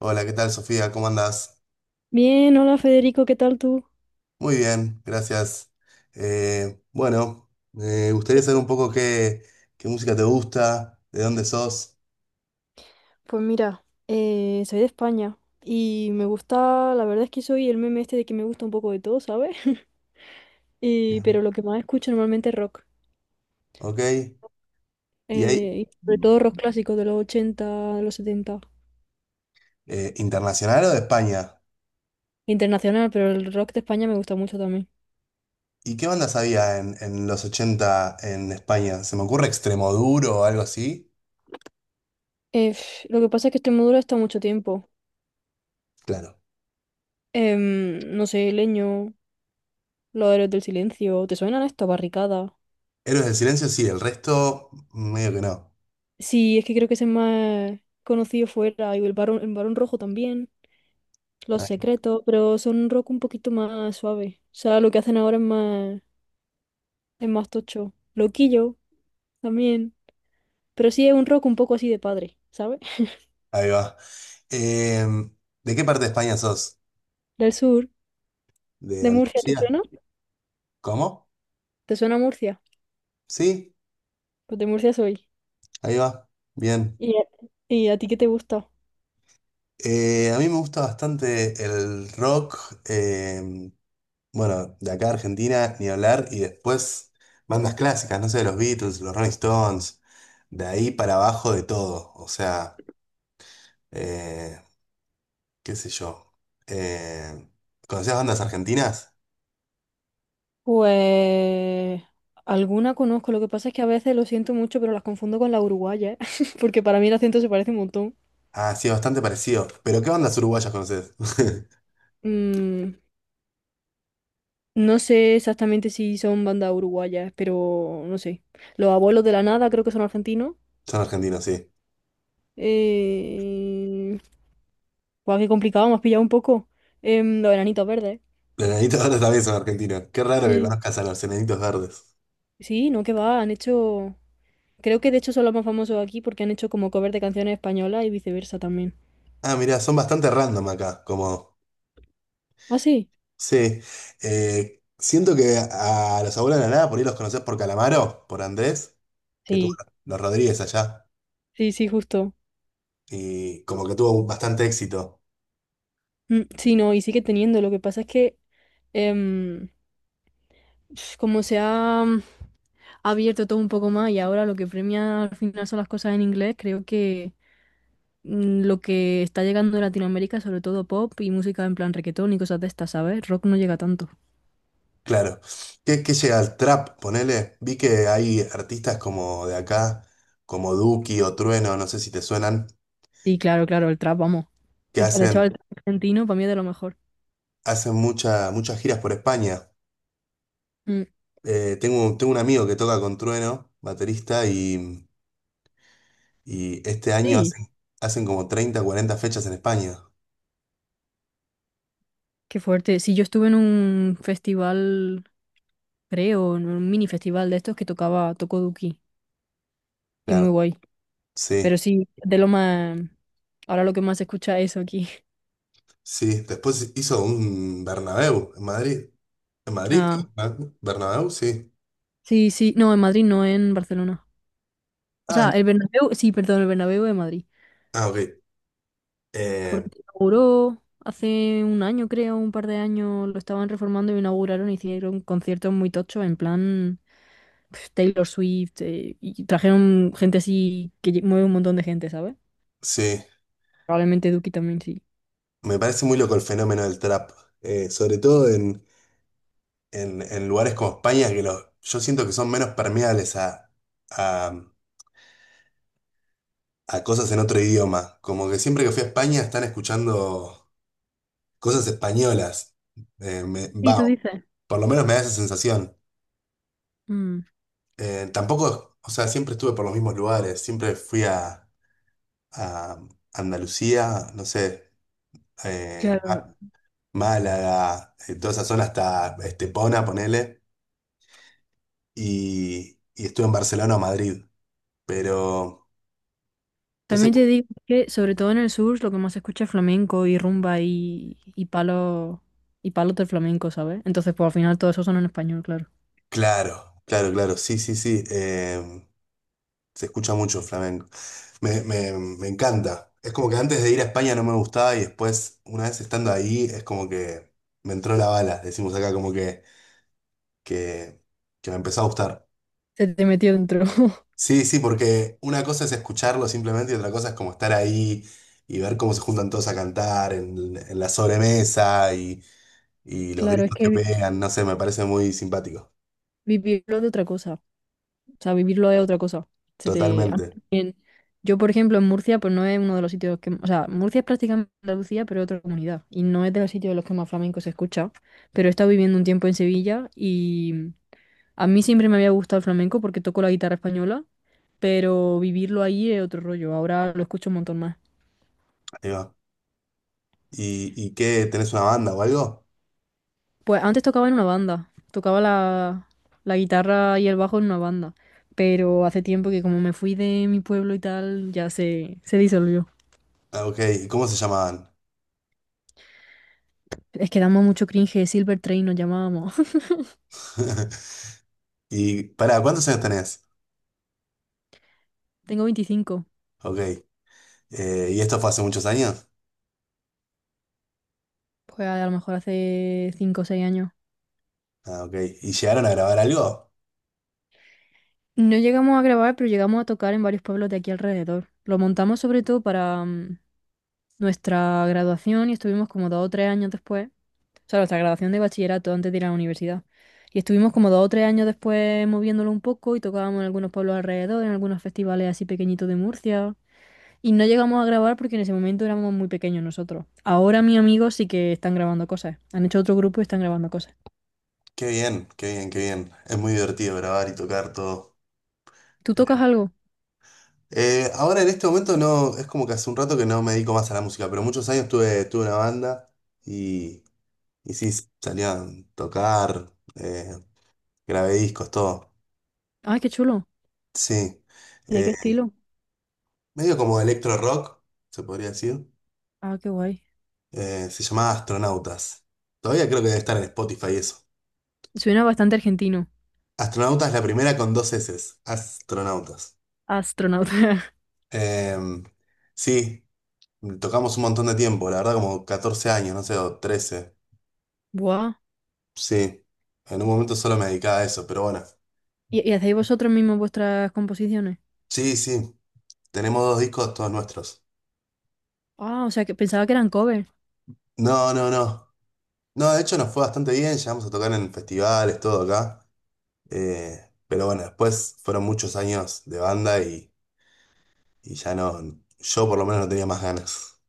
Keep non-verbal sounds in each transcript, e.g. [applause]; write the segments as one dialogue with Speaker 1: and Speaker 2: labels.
Speaker 1: Hola, ¿qué tal, Sofía? ¿Cómo andás?
Speaker 2: Bien, hola Federico, ¿qué tal tú?
Speaker 1: Muy bien, gracias. Bueno, me gustaría saber un poco qué música te gusta, de dónde sos.
Speaker 2: Pues mira, soy de España y me gusta, la verdad es que soy el meme este de que me gusta un poco de todo, ¿sabes? [laughs] Pero
Speaker 1: Bien.
Speaker 2: lo que más escucho normalmente es rock,
Speaker 1: Ok. ¿Y ahí,
Speaker 2: y sobre todo rock clásico de los 80, de los 70,
Speaker 1: internacional o de España?
Speaker 2: internacional, pero el rock de España me gusta mucho también.
Speaker 1: ¿Y qué bandas había en los 80 en España? ¿Se me ocurre Extremoduro o algo así?
Speaker 2: Lo que pasa es que Extremadura está mucho tiempo.
Speaker 1: Claro.
Speaker 2: No sé, Leño, Los Héroes del Silencio, ¿te suenan esto? Barricada.
Speaker 1: Héroes del Silencio, sí, el resto, medio que no.
Speaker 2: Sí, es que creo que ese es más conocido fuera. Y el Barón Rojo también. Los
Speaker 1: Ahí
Speaker 2: Secretos, pero son un rock un poquito más suave. O sea, lo que hacen ahora es más tocho. Loquillo también. Pero sí es un rock un poco así de padre, ¿sabes? [laughs]
Speaker 1: ahí va. Em, ¿De qué parte de España sos?
Speaker 2: Del sur,
Speaker 1: ¿De
Speaker 2: de Murcia, ¿te
Speaker 1: Andalucía?
Speaker 2: suena?
Speaker 1: ¿Cómo?
Speaker 2: ¿Te suena Murcia?
Speaker 1: ¿Sí?
Speaker 2: Pues de Murcia soy.
Speaker 1: Ahí va, bien.
Speaker 2: ¿Y a, y a ti qué te gusta?
Speaker 1: A mí me gusta bastante el rock, eh, bueno, de acá a Argentina, ni hablar, y después bandas clásicas, no sé, los Beatles, los Rolling Stones, de ahí para abajo de todo, o sea, eh, qué sé yo. Eh, ¿Conocías bandas argentinas?
Speaker 2: Pues alguna conozco, lo que pasa es que a veces lo siento mucho, pero las confundo con la uruguaya, [laughs] porque para mí el acento se parece un montón.
Speaker 1: Ah, sí, bastante parecido. ¿Pero qué bandas uruguayas conoces?
Speaker 2: Mm, no sé exactamente si son bandas uruguayas, pero no sé. Los abuelos de la nada creo que son argentinos.
Speaker 1: [laughs] Son argentinos, sí.
Speaker 2: Eh... Guau, qué complicado, me has pillado un poco. Los enanitos verdes.
Speaker 1: Los Enanitos Verdes también son argentinos. Qué raro que
Speaker 2: Sí.
Speaker 1: conozcas a los Enanitos Verdes.
Speaker 2: Sí, no, que va, han hecho... Creo que de hecho son los más famosos aquí porque han hecho como cover de canciones españolas y viceversa también.
Speaker 1: Ah, mirá, son bastante random acá, como...
Speaker 2: ¿Ah, sí?
Speaker 1: Sí, siento que a los abuelos de la nada por ahí los conocés por Calamaro, por Andrés, que tuvo
Speaker 2: Sí,
Speaker 1: los Rodríguez allá,
Speaker 2: sí, sí, justo.
Speaker 1: y como que tuvo bastante éxito,
Speaker 2: Mm, sí, no, y sigue teniendo. Lo que pasa es que... em, como se ha abierto todo un poco más y ahora lo que premia al final son las cosas en inglés, creo que lo que está llegando a Latinoamérica, sobre todo pop y música en plan reggaetón y cosas de estas, ¿sabes? Rock no llega tanto.
Speaker 1: claro. ¿Qué llega al trap? Ponele, vi que hay artistas como de acá, como Duki o Trueno, no sé si te suenan,
Speaker 2: Y claro, claro, el trap, vamos.
Speaker 1: que
Speaker 2: De hecho, el trap argentino para mí es de lo mejor.
Speaker 1: hacen muchas giras por España.
Speaker 2: Mm,
Speaker 1: Tengo un amigo que toca con Trueno, baterista, y este año
Speaker 2: sí,
Speaker 1: hacen como 30 40 fechas en España.
Speaker 2: qué fuerte. Sí, yo estuve en un festival, creo, en un mini festival de estos que tocaba, tocó Duki y muy
Speaker 1: Claro.
Speaker 2: guay. Pero
Speaker 1: Sí,
Speaker 2: sí, de lo más... Ahora lo que más se escucha es eso aquí.
Speaker 1: sí. Después hizo un Bernabéu en Madrid. ¿En Madrid?
Speaker 2: [laughs]
Speaker 1: ¿No? ¿Bernabéu? Sí.
Speaker 2: Sí, sí, no, en Madrid, no en Barcelona. O
Speaker 1: Ah,
Speaker 2: sea,
Speaker 1: en-
Speaker 2: el Bernabéu, sí, perdón, el Bernabéu de Madrid.
Speaker 1: ah, ok.
Speaker 2: Porque
Speaker 1: Eh,
Speaker 2: se inauguró hace un año, creo, un par de años, lo estaban reformando y inauguraron, hicieron conciertos muy tochos, en plan Taylor Swift, y trajeron gente así que mueve un montón de gente, ¿sabes?
Speaker 1: sí,
Speaker 2: Probablemente Duki también sí.
Speaker 1: me parece muy loco el fenómeno del trap. Sobre todo en lugares como España, que yo siento que son menos permeables a, a cosas en otro idioma. Como que siempre que fui a España están escuchando cosas españolas.
Speaker 2: Sí,
Speaker 1: Va,
Speaker 2: tú dices.
Speaker 1: por lo menos me da esa sensación.
Speaker 2: Mm,
Speaker 1: Tampoco, o sea, siempre estuve por los mismos lugares, siempre fui a Andalucía, no sé, eh,
Speaker 2: claro.
Speaker 1: Ma- Málaga, toda esa zona hasta Estepona, ponele, y estuve en Barcelona o Madrid, pero, no sé,
Speaker 2: También te digo que, sobre todo en el sur, lo que más se escucha es flamenco y rumba y palos y palos del flamenco, ¿sabes? Entonces, pues al final todo eso son en español, claro.
Speaker 1: claro, claro, claro, sí, sí, sí, se escucha mucho flamenco, me encanta, es como que antes de ir a España no me gustaba y después, una vez estando ahí, es como que me entró la bala, decimos acá, como que... que, que me empezó a gustar.
Speaker 2: Se te metió dentro. [laughs]
Speaker 1: Sí, sí, porque una cosa es escucharlo simplemente y otra cosa es como estar ahí y ver cómo se juntan todos a cantar en la sobremesa y los
Speaker 2: Claro, es
Speaker 1: gritos
Speaker 2: que
Speaker 1: que pegan, no sé, me parece muy simpático.
Speaker 2: vivirlo de otra cosa. O sea, vivirlo es otra cosa. Se te... a-
Speaker 1: Totalmente.
Speaker 2: Yo, por ejemplo, en Murcia, pues no es uno de los sitios que... O sea, Murcia es prácticamente Andalucía, pero es otra comunidad. Y no es de los sitios de los que más flamenco se escucha. Pero he estado viviendo un tiempo en Sevilla y a mí siempre me había gustado el flamenco porque toco la guitarra española, pero vivirlo ahí es otro rollo. Ahora lo escucho un montón más.
Speaker 1: Ahí va. Y qué? ¿Tenés una banda o algo?
Speaker 2: Pues antes tocaba en una banda, tocaba la guitarra y el bajo en una banda, pero hace tiempo que como me fui de mi pueblo y tal, ya se disolvió.
Speaker 1: Ah, ok, ¿y cómo se llamaban?
Speaker 2: Es que damos mucho cringe, Silver Train nos llamábamos. [laughs]
Speaker 1: [laughs] Y pará, ¿cuántos años tenés?
Speaker 2: Tengo 25,
Speaker 1: Ok. ¿Y esto fue hace muchos años?
Speaker 2: pues a lo mejor hace 5 o 6 años.
Speaker 1: Ah, ok. ¿Y llegaron a grabar algo?
Speaker 2: No llegamos a grabar, pero llegamos a tocar en varios pueblos de aquí alrededor. Lo montamos sobre todo para nuestra graduación y estuvimos como 2 o 3 años después. O sea, nuestra graduación de bachillerato antes de ir a la universidad. Y estuvimos como dos o tres años después moviéndolo un poco y tocábamos en algunos pueblos alrededor, en algunos festivales así pequeñitos de Murcia. Y no llegamos a grabar porque en ese momento éramos muy pequeños nosotros. Ahora mis amigos sí que están grabando cosas. Han hecho otro grupo y están grabando cosas.
Speaker 1: Qué bien, qué bien, qué bien. Es muy divertido grabar y tocar todo.
Speaker 2: ¿Tú tocas algo?
Speaker 1: Ahora en este momento no, es como que hace un rato que no me dedico más a la música, pero muchos años tuve una banda y, y sí, salía a tocar, grabé discos, todo.
Speaker 2: ¡Ay, qué chulo!
Speaker 1: Sí.
Speaker 2: ¿Y de
Speaker 1: Eh,
Speaker 2: qué estilo?
Speaker 1: medio como electro rock, se podría decir.
Speaker 2: Ah, qué guay.
Speaker 1: Se llamaba Astronautas. Todavía creo que debe estar en Spotify eso.
Speaker 2: Suena bastante argentino.
Speaker 1: Astronautas, la primera con dos eses. Astronautas.
Speaker 2: Astronauta. [laughs]
Speaker 1: Em, sí, tocamos un montón de tiempo, la verdad como 14 años, no sé, o 13.
Speaker 2: Buah.
Speaker 1: Sí, en un momento solo me dedicaba a eso, pero bueno.
Speaker 2: Y hacéis vosotros mismos vuestras composiciones?
Speaker 1: Sí, sí, tenemos dos discos todos nuestros.
Speaker 2: Ah, o sea, que pensaba que eran covers.
Speaker 1: No, no, no. No, de hecho nos fue bastante bien, llegamos a tocar en festivales, todo acá. Pero bueno, después fueron muchos años de banda y ya no, yo por lo menos no tenía más ganas. [laughs]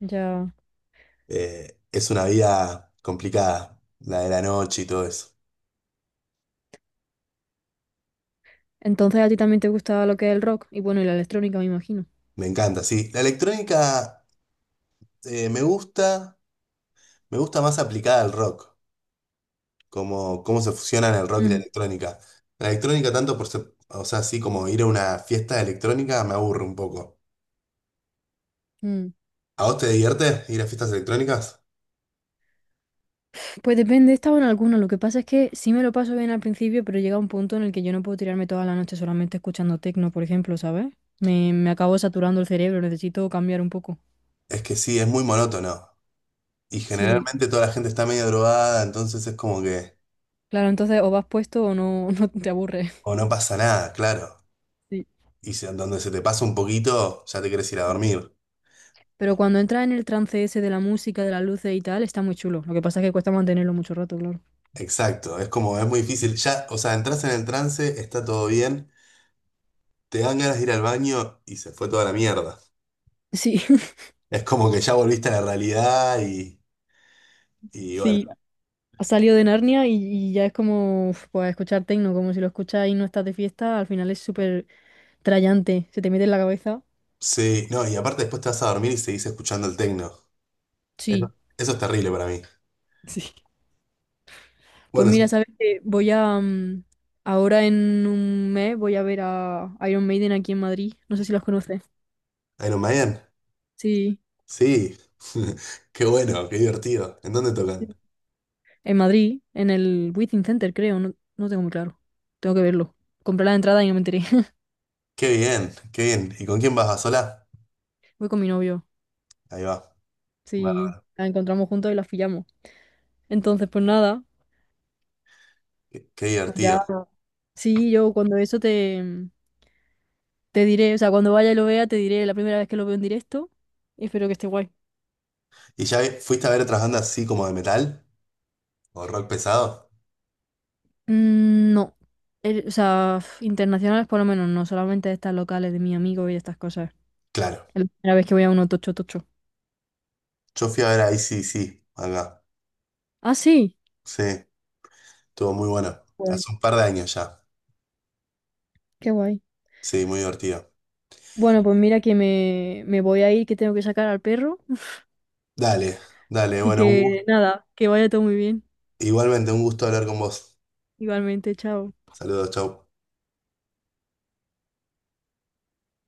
Speaker 2: Ya.
Speaker 1: Es una vida complicada, la de la noche y todo eso.
Speaker 2: Entonces a ti también te gusta lo que es el rock y bueno, y la electrónica, me imagino.
Speaker 1: Me encanta, sí. La electrónica eh, me gusta, me gusta más aplicada al rock. Cómo se fusionan el rock y la
Speaker 2: Ujú.
Speaker 1: electrónica. La electrónica tanto por, o sea, así como ir a una fiesta de electrónica me aburre un poco.
Speaker 2: Mm.
Speaker 1: ¿A vos te divierte ir a fiestas electrónicas?
Speaker 2: Pues depende, he estado en alguno. Lo que pasa es que sí me lo paso bien al principio, pero llega un punto en el que yo no puedo tirarme toda la noche solamente escuchando techno, por ejemplo, ¿sabes? Me acabo saturando el cerebro, necesito cambiar un poco.
Speaker 1: Es que sí, es muy monótono. Y
Speaker 2: Sí,
Speaker 1: generalmente toda la gente está medio drogada, entonces es como que,
Speaker 2: claro, entonces o vas puesto o no, [laughs] no te aburres.
Speaker 1: o no pasa nada, claro.
Speaker 2: Sí.
Speaker 1: Donde se te pasa un poquito, ya te querés ir a dormir.
Speaker 2: Pero cuando entras en el trance ese de la música, de las luces y tal, está muy chulo. Lo que pasa es que cuesta mantenerlo mucho rato, claro.
Speaker 1: Exacto, es como, es muy difícil. Ya, o sea, entras en el trance, está todo bien, te dan ganas de ir al baño y se fue toda la mierda.
Speaker 2: Sí, [laughs]
Speaker 1: Es como que ya volviste a la realidad y bueno,
Speaker 2: sí. Has salido de Narnia y ya es como uf, pues, escuchar techno, como si lo escuchas y no estás de fiesta, al final es súper trallante, se te mete en la cabeza.
Speaker 1: sí, no, y aparte después te vas a dormir y seguís escuchando el techno.
Speaker 2: Sí,
Speaker 1: Eso es terrible para mí.
Speaker 2: sí. Pues
Speaker 1: Bueno, sí,
Speaker 2: mira, sabes que ahora en un mes voy a ver a Iron Maiden aquí en Madrid. No sé si los conoces.
Speaker 1: Iron Maiden,
Speaker 2: Sí.
Speaker 1: sí. [laughs] Qué bueno, qué divertido. ¿En dónde tocan?
Speaker 2: En Madrid, en el Within Center, creo, no, no tengo muy claro. Tengo que verlo. Compré la entrada y no me enteré. [laughs]
Speaker 1: Qué bien, qué bien. ¿Y con quién vas? ¿A sola?
Speaker 2: Voy con mi novio.
Speaker 1: Ahí va.
Speaker 2: Sí,
Speaker 1: Bárbaro.
Speaker 2: la encontramos juntos y la pillamos. Entonces, pues nada,
Speaker 1: Qué, qué
Speaker 2: pues
Speaker 1: divertido.
Speaker 2: ya. Sí, yo cuando eso te, te diré, o sea, cuando vaya y lo vea, te diré la primera vez que lo veo en directo. Y espero que esté guay.
Speaker 1: ¿Y ya fuiste a ver otras bandas así como de metal? ¿O rock pesado?
Speaker 2: Mm, no. O sea, internacionales por lo menos, no, solamente estas locales de mi amigo y estas cosas.
Speaker 1: Claro.
Speaker 2: Es la primera vez que voy a uno tocho tocho.
Speaker 1: Yo fui a ver a sí acá.
Speaker 2: Ah, sí.
Speaker 1: Sí, estuvo muy bueno.
Speaker 2: Guay.
Speaker 1: Hace un par de años ya.
Speaker 2: Qué guay.
Speaker 1: Sí, muy divertido.
Speaker 2: Bueno, pues mira que me voy a ir, que tengo que sacar al perro.
Speaker 1: Dale, dale,
Speaker 2: Así
Speaker 1: bueno, un
Speaker 2: que
Speaker 1: gusto.
Speaker 2: nada, que vaya todo muy bien.
Speaker 1: Igualmente, un gusto hablar con vos.
Speaker 2: Igualmente, chao.
Speaker 1: Saludos, chau.